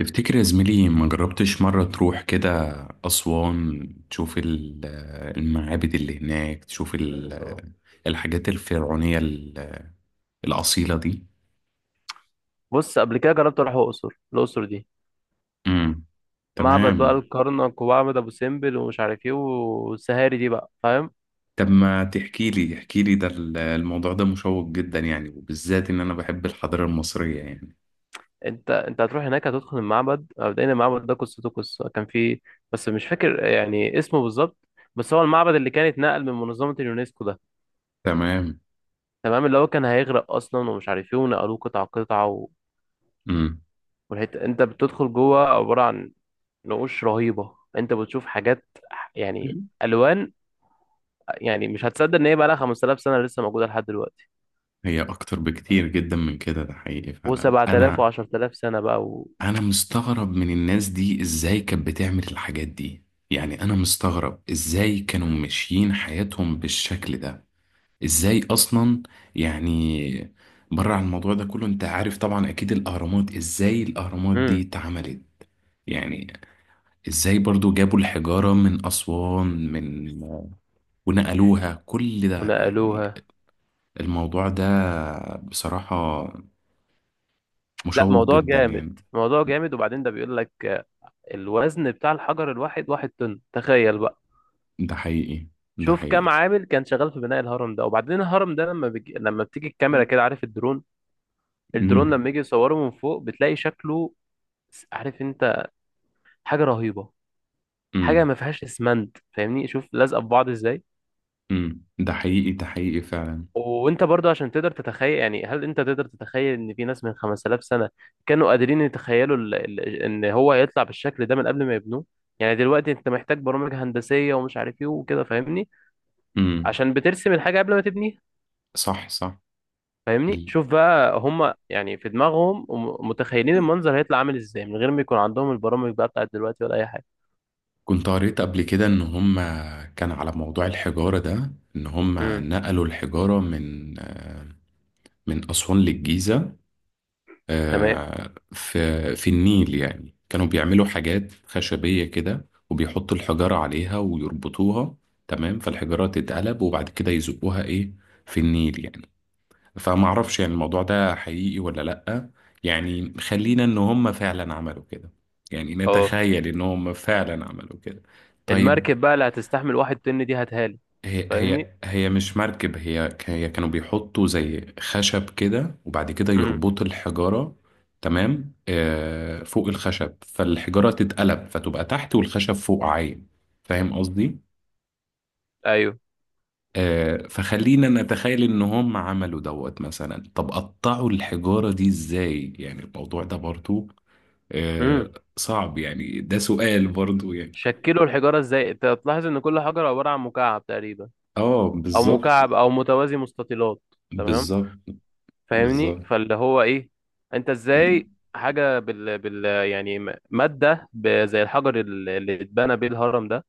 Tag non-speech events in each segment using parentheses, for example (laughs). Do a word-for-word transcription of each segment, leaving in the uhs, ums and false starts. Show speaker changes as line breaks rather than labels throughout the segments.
تفتكر يا زميلي ما جربتش مرة تروح كده أسوان تشوف ال- المعابد اللي هناك تشوف ال- الحاجات الفرعونية ال- الأصيلة دي.
بص، قبل كده جربت اروح الاقصر. الاقصر دي
امم
معبد بقى
تمام.
الكرنك ومعبد ابو سمبل ومش عارف ايه والسهاري دي بقى، فاهم؟
طب ما تحكي لي احكي لي ده ال- الموضوع ده مشوق جدا يعني، وبالذات إن أنا بحب الحضارة المصرية يعني.
انت انت هتروح هناك، هتدخل المعبد. مبدئيا المعبد ده قصته قصه كان فيه، بس مش فاكر يعني اسمه بالظبط. بس هو المعبد اللي كان اتنقل من منظمه اليونسكو ده.
تمام.
تمام اللي هو كان هيغرق اصلا ومش عارف ايه ونقلوه قطعه قطعه و...
امم.
والحته انت بتدخل جوه عباره عن نقوش رهيبه. انت بتشوف حاجات، يعني الوان، يعني مش هتصدق ان هي بقى لها خمس تلاف سنه لسه موجوده لحد دلوقتي.
هي أكتر بكتير جدا من كده، ده حقيقي فعلا.
و7000
أنا
و10000 سنة بقى و...
انا مستغرب من الناس دي ازاي كانت بتعمل الحاجات دي. يعني انا مستغرب ازاي كانوا ماشيين حياتهم بالشكل ده. ازاي اصلا يعني. بره عن الموضوع ده كله، انت عارف طبعا اكيد الاهرامات ازاي الاهرامات دي
مم.
اتعملت يعني. ازاي برضو جابوا الحجارة من اسوان، من ونقلوها، كل ده يعني.
ونقلوها.
الموضوع ده بصراحة
لا،
مشوق
موضوع
جدا
جامد.
يعني.
موضوع جامد. وبعدين ده بيقول لك، آه، الوزن بتاع الحجر الواحد واحد طن، تخيل بقى.
ده حقيقي. ده
شوف كم
حقيقي.
عامل كان شغال في بناء الهرم ده. وبعدين الهرم ده لما بيجي... لما بتيجي الكاميرا كده، عارف الدرون، الدرون
مم.
لما يجي يصوره من فوق بتلاقي شكله، عارف انت، حاجة رهيبة. حاجة
امم.
ما فيهاش اسمنت، فاهمني؟ شوف لازقة في بعض ازاي.
امم. ده حقيقي. ده حقيقي فعلا.
وانت برضو عشان تقدر تتخيل، يعني هل انت تقدر تتخيل ان في ناس من خمسة آلاف سنة كانوا قادرين يتخيلوا ال... ال... ان هو يطلع بالشكل ده من قبل ما يبنوه؟ يعني دلوقتي انت محتاج برامج هندسية ومش عارف ايه وكده، فاهمني؟
امم.
عشان بترسم الحاجة قبل ما تبنيها.
صح صح.
فاهمني؟
ال...
شوف بقى هم، يعني في دماغهم وم- متخيلين المنظر هيطلع عامل ازاي من غير ما يكون عندهم البرامج بقى بتاعت دلوقتي ولا اي حاجة.
كنت قريت قبل كده ان هم، كان على موضوع الحجارة ده، ان هم
امم.
نقلوا الحجارة من آه، من أسوان للجيزة.
تمام.
آه، في في النيل، يعني كانوا بيعملوا حاجات خشبية كده وبيحطوا الحجارة عليها ويربطوها. تمام، فالحجارة تتقلب وبعد كده يزقوها ايه في النيل يعني. فما اعرفش يعني الموضوع ده حقيقي ولا لأ. يعني خلينا ان هم فعلا عملوا كده، يعني
اه.
نتخيل ان هم فعلا عملوا كده. طيب.
المركب بقى اللي هتستحمل واحد طن دي هتهالي.
هي
فاهمني؟
هي هي مش مركب، هي ك- هي كانوا بيحطوا زي خشب كده وبعد كده
امم.
يربطوا الحجارة. تمام، آه، فوق الخشب فالحجارة تتقلب فتبقى تحت والخشب فوق عايم. فاهم قصدي؟
ايوه.
آه، فخلينا نتخيل ان هم عملوا دوت مثلا. طب قطعوا الحجارة دي ازاي؟ يعني الموضوع ده برضو آه،
امم.
صعب يعني، ده سؤال برضو يعني.
شكلوا الحجارة ازاي؟ انت هتلاحظ ان كل حجر عبارة عن مكعب تقريبا.
اه
او
بالظبط.
مكعب او متوازي مستطيلات. تمام.
بالظبط.
فاهمني؟
بالظبط.
فاللي هو ايه، انت ازاي حاجة بال, بال، يعني م- مادة ب- زي الحجر ال- اللي اتبنى بيه الهرم ده،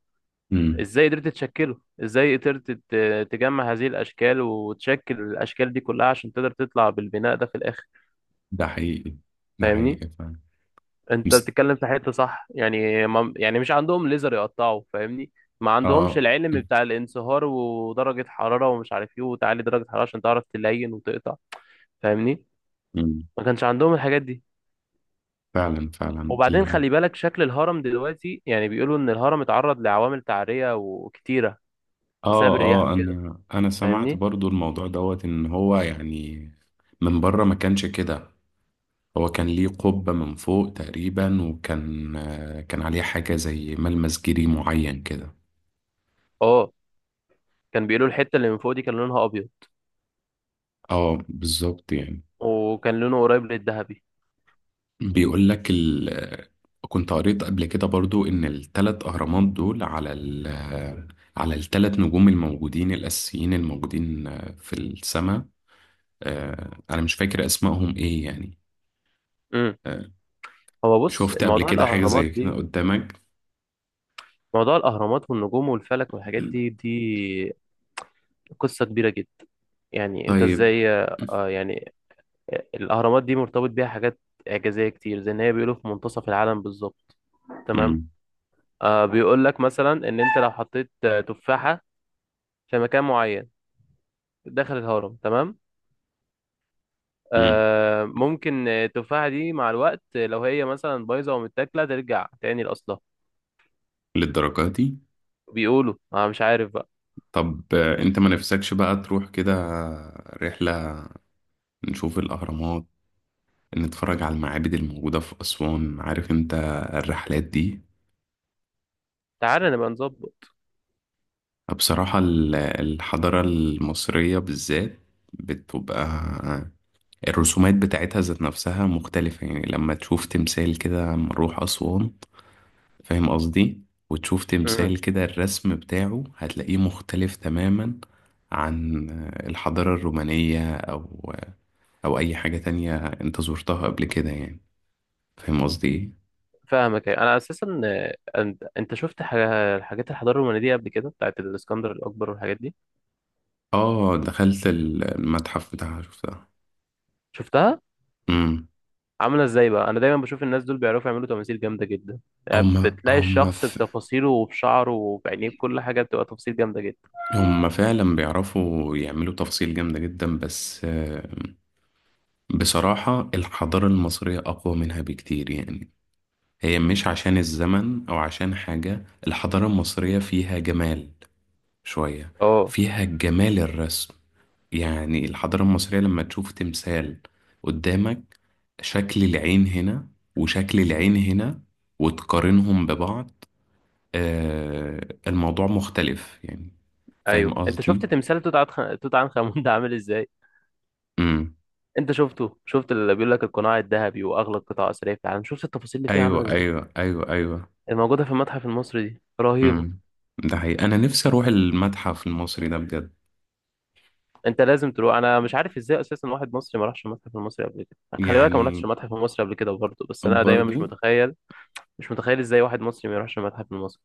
أمم،
ازاي قدرت تشكله؟ ازاي قدرت ت- تجمع هذه الاشكال وتشكل الاشكال دي كلها عشان تقدر تطلع بالبناء ده في الاخر؟
ده حقيقي. ده
فاهمني؟
حقيقي فعلا.
انت
مس-
بتتكلم في حته صح، يعني ما، يعني مش عندهم ليزر يقطعوا، فاهمني؟ ما عندهمش
اه.
العلم بتاع الانصهار ودرجه حراره ومش عارف ايه، وتعلي درجه حراره عشان تعرف تلين وتقطع. فاهمني؟
أمم،
ما كانش عندهم الحاجات دي.
فعلا فعلا.
وبعدين
ال...
خلي بالك شكل الهرم دلوقتي، يعني بيقولوا ان الهرم اتعرض لعوامل تعريه وكتيره بسبب
اه
الرياح
اه.
وكده.
انا انا سمعت
فاهمني؟
برضو الموضوع دوت، ان هو يعني من بره ما كانش كده. هو كان ليه قبة من فوق تقريبا، وكان آه، كان عليه حاجة زي ملمس جيري معين كده.
اه. كان بيقولوا الحته اللي من فوق دي كان لونها ابيض،
اه بالظبط يعني.
وكان لونه قريب للذهبي.
بيقول لك ال... آه، كنت قريت قبل كده برضو ان الثلاث اهرامات دول على ال... آه، على الثلاث نجوم الموجودين الاساسيين الموجودين آه، في السماء. آه، انا مش فاكر اسمائهم ايه يعني.
امم.
آه،
هو بص،
شفت قبل
موضوع
كده حاجة
الاهرامات
زي كده
دي،
قدامك؟
موضوع الأهرامات والنجوم والفلك والحاجات دي دي قصة كبيرة جدا. يعني انت
طيب.
ازاي، آه، يعني الاهرامات دي مرتبط بيها حاجات اعجازية كتير، زي ان هي بيقولوا في منتصف العالم بالظبط. تمام.
مم.
آه، بيقول لك مثلا ان انت لو حطيت، آه، تفاحة في مكان معين داخل الهرم، تمام،
مم.
آه، ممكن، آه، التفاحة دي مع الوقت، آه، لو هي مثلا بايظة ومتاكلة ترجع تاني لأصلها.
للدرجة دي؟
بيقولوا، انا مش عارف بقى.
طب آه، انت ما نفسكش بقى تروح كده رحلة، نشوف الأهرامات، نتفرج على المعابد الموجودة في أسوان، عارف انت الرحلات دي.
تعالى نبقى نظبط.
بصراحة ال- الحضارة المصرية بالذات بتبقى الرسومات بتاعتها ذات نفسها مختلفة يعني. لما تشوف تمثال كده لما نروح أسوان، فاهم قصدي، وتشوف
امم.
تمثال كده الرسم بتاعه هتلاقيه مختلف تماما عن الحضارة الرومانية أو او اي حاجة تانية انت زرتها قبل كده يعني. فاهم قصدي ايه.
فاهمك أيوة. انا اساسا، آه، انت انت شفت حاجة- حاجات الحضارة الرومانية دي قبل كده بتاعت الاسكندر الاكبر والحاجات دي؟
اه، دخلت ال- المتحف بتاعها، شفتها.
شفتها
امم.
عامله ازاي بقى؟ انا دايما بشوف الناس دول بيعرفوا يعملوا تماثيل جامده جدا. يعني
هما
بتلاقي
هما
الشخص
ف...
بتفاصيله وبشعره وبعينيه، بكل حاجه بتبقى تفاصيل جامده جدا.
هما فعلا بيعرفوا يعملوا تفاصيل جامدة جدا، بس آه، بصراحة الحضارة المصرية أقوى منها بكتير يعني. هي مش عشان الزمن أو عشان حاجة، الحضارة المصرية فيها جمال شوية،
اه.
فيها جمال الرسم يعني. الحضارة المصرية لما تشوف تمثال قدامك، شكل العين هنا وشكل العين هنا وتقارنهم ببعض، آه الموضوع مختلف يعني. فاهم
ايوت انت
قصدي؟
شفت تمثال توت عنخ توت عنخ امون ده عامل ازاي؟
امم.
انت شفته؟ شفت اللي بيقول لك القناع الذهبي واغلى قطع اثريه في العالم؟ شفت التفاصيل اللي فيها عامله
ايوه
ازاي؟
ايوه ايوه ايوه.
الموجوده في المتحف المصري دي رهيبه.
امم. ده حقيقي، انا نفسي اروح المتحف المصري ده بجد
انت لازم تروح. انا مش عارف ازاي اساسا واحد مصري ما راحش المتحف المصري قبل كده. خلي بالك انا ما رحتش
يعني.
المتحف المصري قبل كده برضه، بس انا دايما مش
برضو.
متخيل، مش متخيل ازاي واحد مصري ما يروحش المتحف المصري.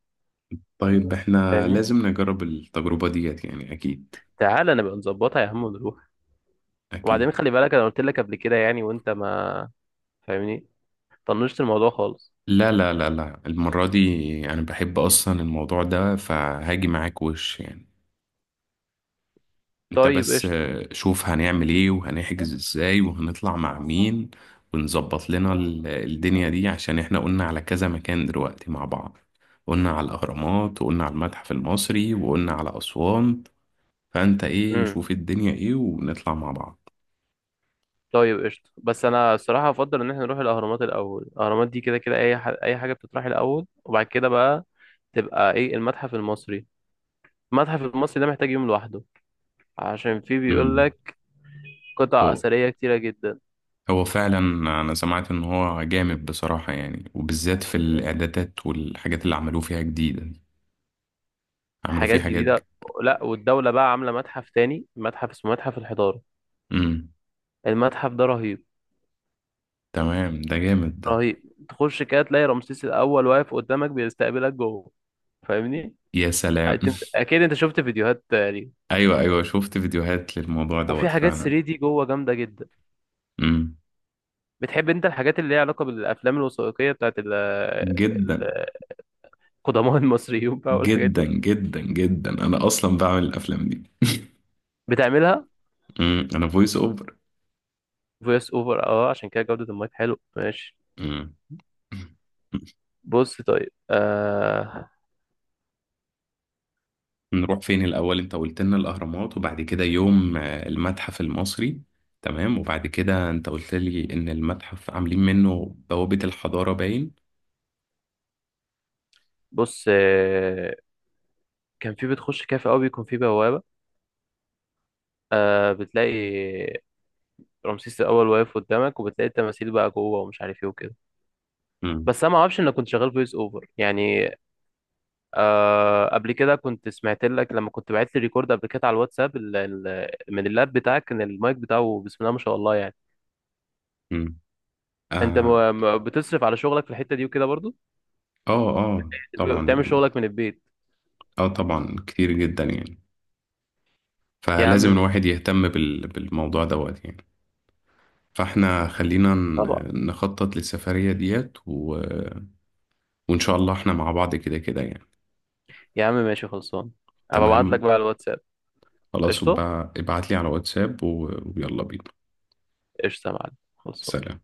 طيب احنا
فاهمني؟
لازم نجرب التجربة ديت يعني اكيد.
تعالى نبقى نظبطها يا عم ونروح.
اكيد.
وبعدين خلي بالك انا قلت لك قبل كده، يعني وانت ما، فاهمني، طنشت الموضوع خالص.
لا لا لا لا، المرة دي أنا بحب أصلا الموضوع ده، فهاجي معاك وش يعني. أنت
طيب
بس
قشطة.
آه، شوف هنعمل إيه وهنحجز إزاي وهنطلع مع مين، ونظبط لنا ال- الدنيا دي، عشان إحنا قلنا على كذا مكان دلوقتي مع بعض. قلنا على الأهرامات وقلنا على المتحف المصري وقلنا على أسوان. فأنت إيه،
امم.
شوف الدنيا إيه ونطلع مع بعض.
طيب قشطة. بس انا الصراحة افضل ان احنا نروح الاهرامات الاول. الاهرامات دي كده كده اي ح... اي حاجة بتطرح الاول، وبعد كده بقى تبقى ايه المتحف المصري. المتحف المصري ده محتاج يوم لوحده، عشان فيه بيقول
امم.
لك قطع اثرية كتيرة جدا.
هو فعلا، انا سمعت ان هو جامد بصراحة يعني، وبالذات في الاعدادات والحاجات اللي عملوه فيها جديدة دي. عملوا
حاجات
فيها حاجات ج-
جديدة. لا، والدولة بقى عاملة متحف تاني، متحف اسمه متحف الحضارة.
امم.
المتحف ده رهيب.
تمام، ده جامد ده.
رهيب. تخش كده تلاقي رمسيس الاول واقف قدامك بيستقبلك جوه. فاهمني؟
يا سلام.
أنت- اكيد انت شفت فيديوهات ليه.
(laughs) ايوه ايوه، شفت فيديوهات للموضوع
وفي
دوت
حاجات
فعلا.
3 دي جوه جامده جدا.
امم.
بتحب انت الحاجات اللي ليها علاقه بالافلام الوثائقيه بتاعت ال-
جدا
ال- القدماء (laughs) المصريين بقى والحاجات
جدا
دي.
جدا جدا، انا اصلا بعمل الافلام دي.
بتعملها
امم انا فويس اوفر.
فويس اوفر؟ اه، عشان كده جوده المايك حلو، ماشي.
امم.
بص طيب. آه
نروح فين الأول؟ أنت قلت لنا الأهرامات وبعد كده يوم آه، المتحف المصري. تمام، وبعد كده أنت قلت لي إن المتحف عاملين منه بوابة الحضارة باين.
بص، آه كان في، بتخش كافي قوي بيكون في بوابه. آه، بتلاقي رمسيس الأول واقف قدامك، وبتلاقي التماثيل بقى جوه ومش عارف ايه وكده.
مم.
بس انا ما اعرفش انك كنت شغال فويس اوفر يعني. آه، قبل كده كنت سمعت لك لما كنت بعت لي ريكورد قبل كده على الواتساب ال- ال- من اللاب بتاعك، كان المايك بتاعه بسم الله ما شاء الله يعني.
مم.
انت
آه.
م- م- بتصرف على شغلك في الحتة دي وكده برضو.
آه آه طبعا
بتعمل
يعني.
شغلك من البيت.
آه طبعا كتير جدا يعني.
يا عم
فلازم الواحد
ماشي.
يهتم بال... بالموضوع دوت يعني. فاحنا خلينا
طبعا.
ن- نخطط للسفرية ديت و... وإن شاء الله احنا مع بعض كده كده يعني.
يا عم ماشي، خلصان. هبقى ابعت لك
تمام،
بقى على الواتساب.
خلاص،
قشطه.
وبقى ابعت لي على واتساب و... ويلا بينا.
قشطه يا معلم، خلصان.
سلام.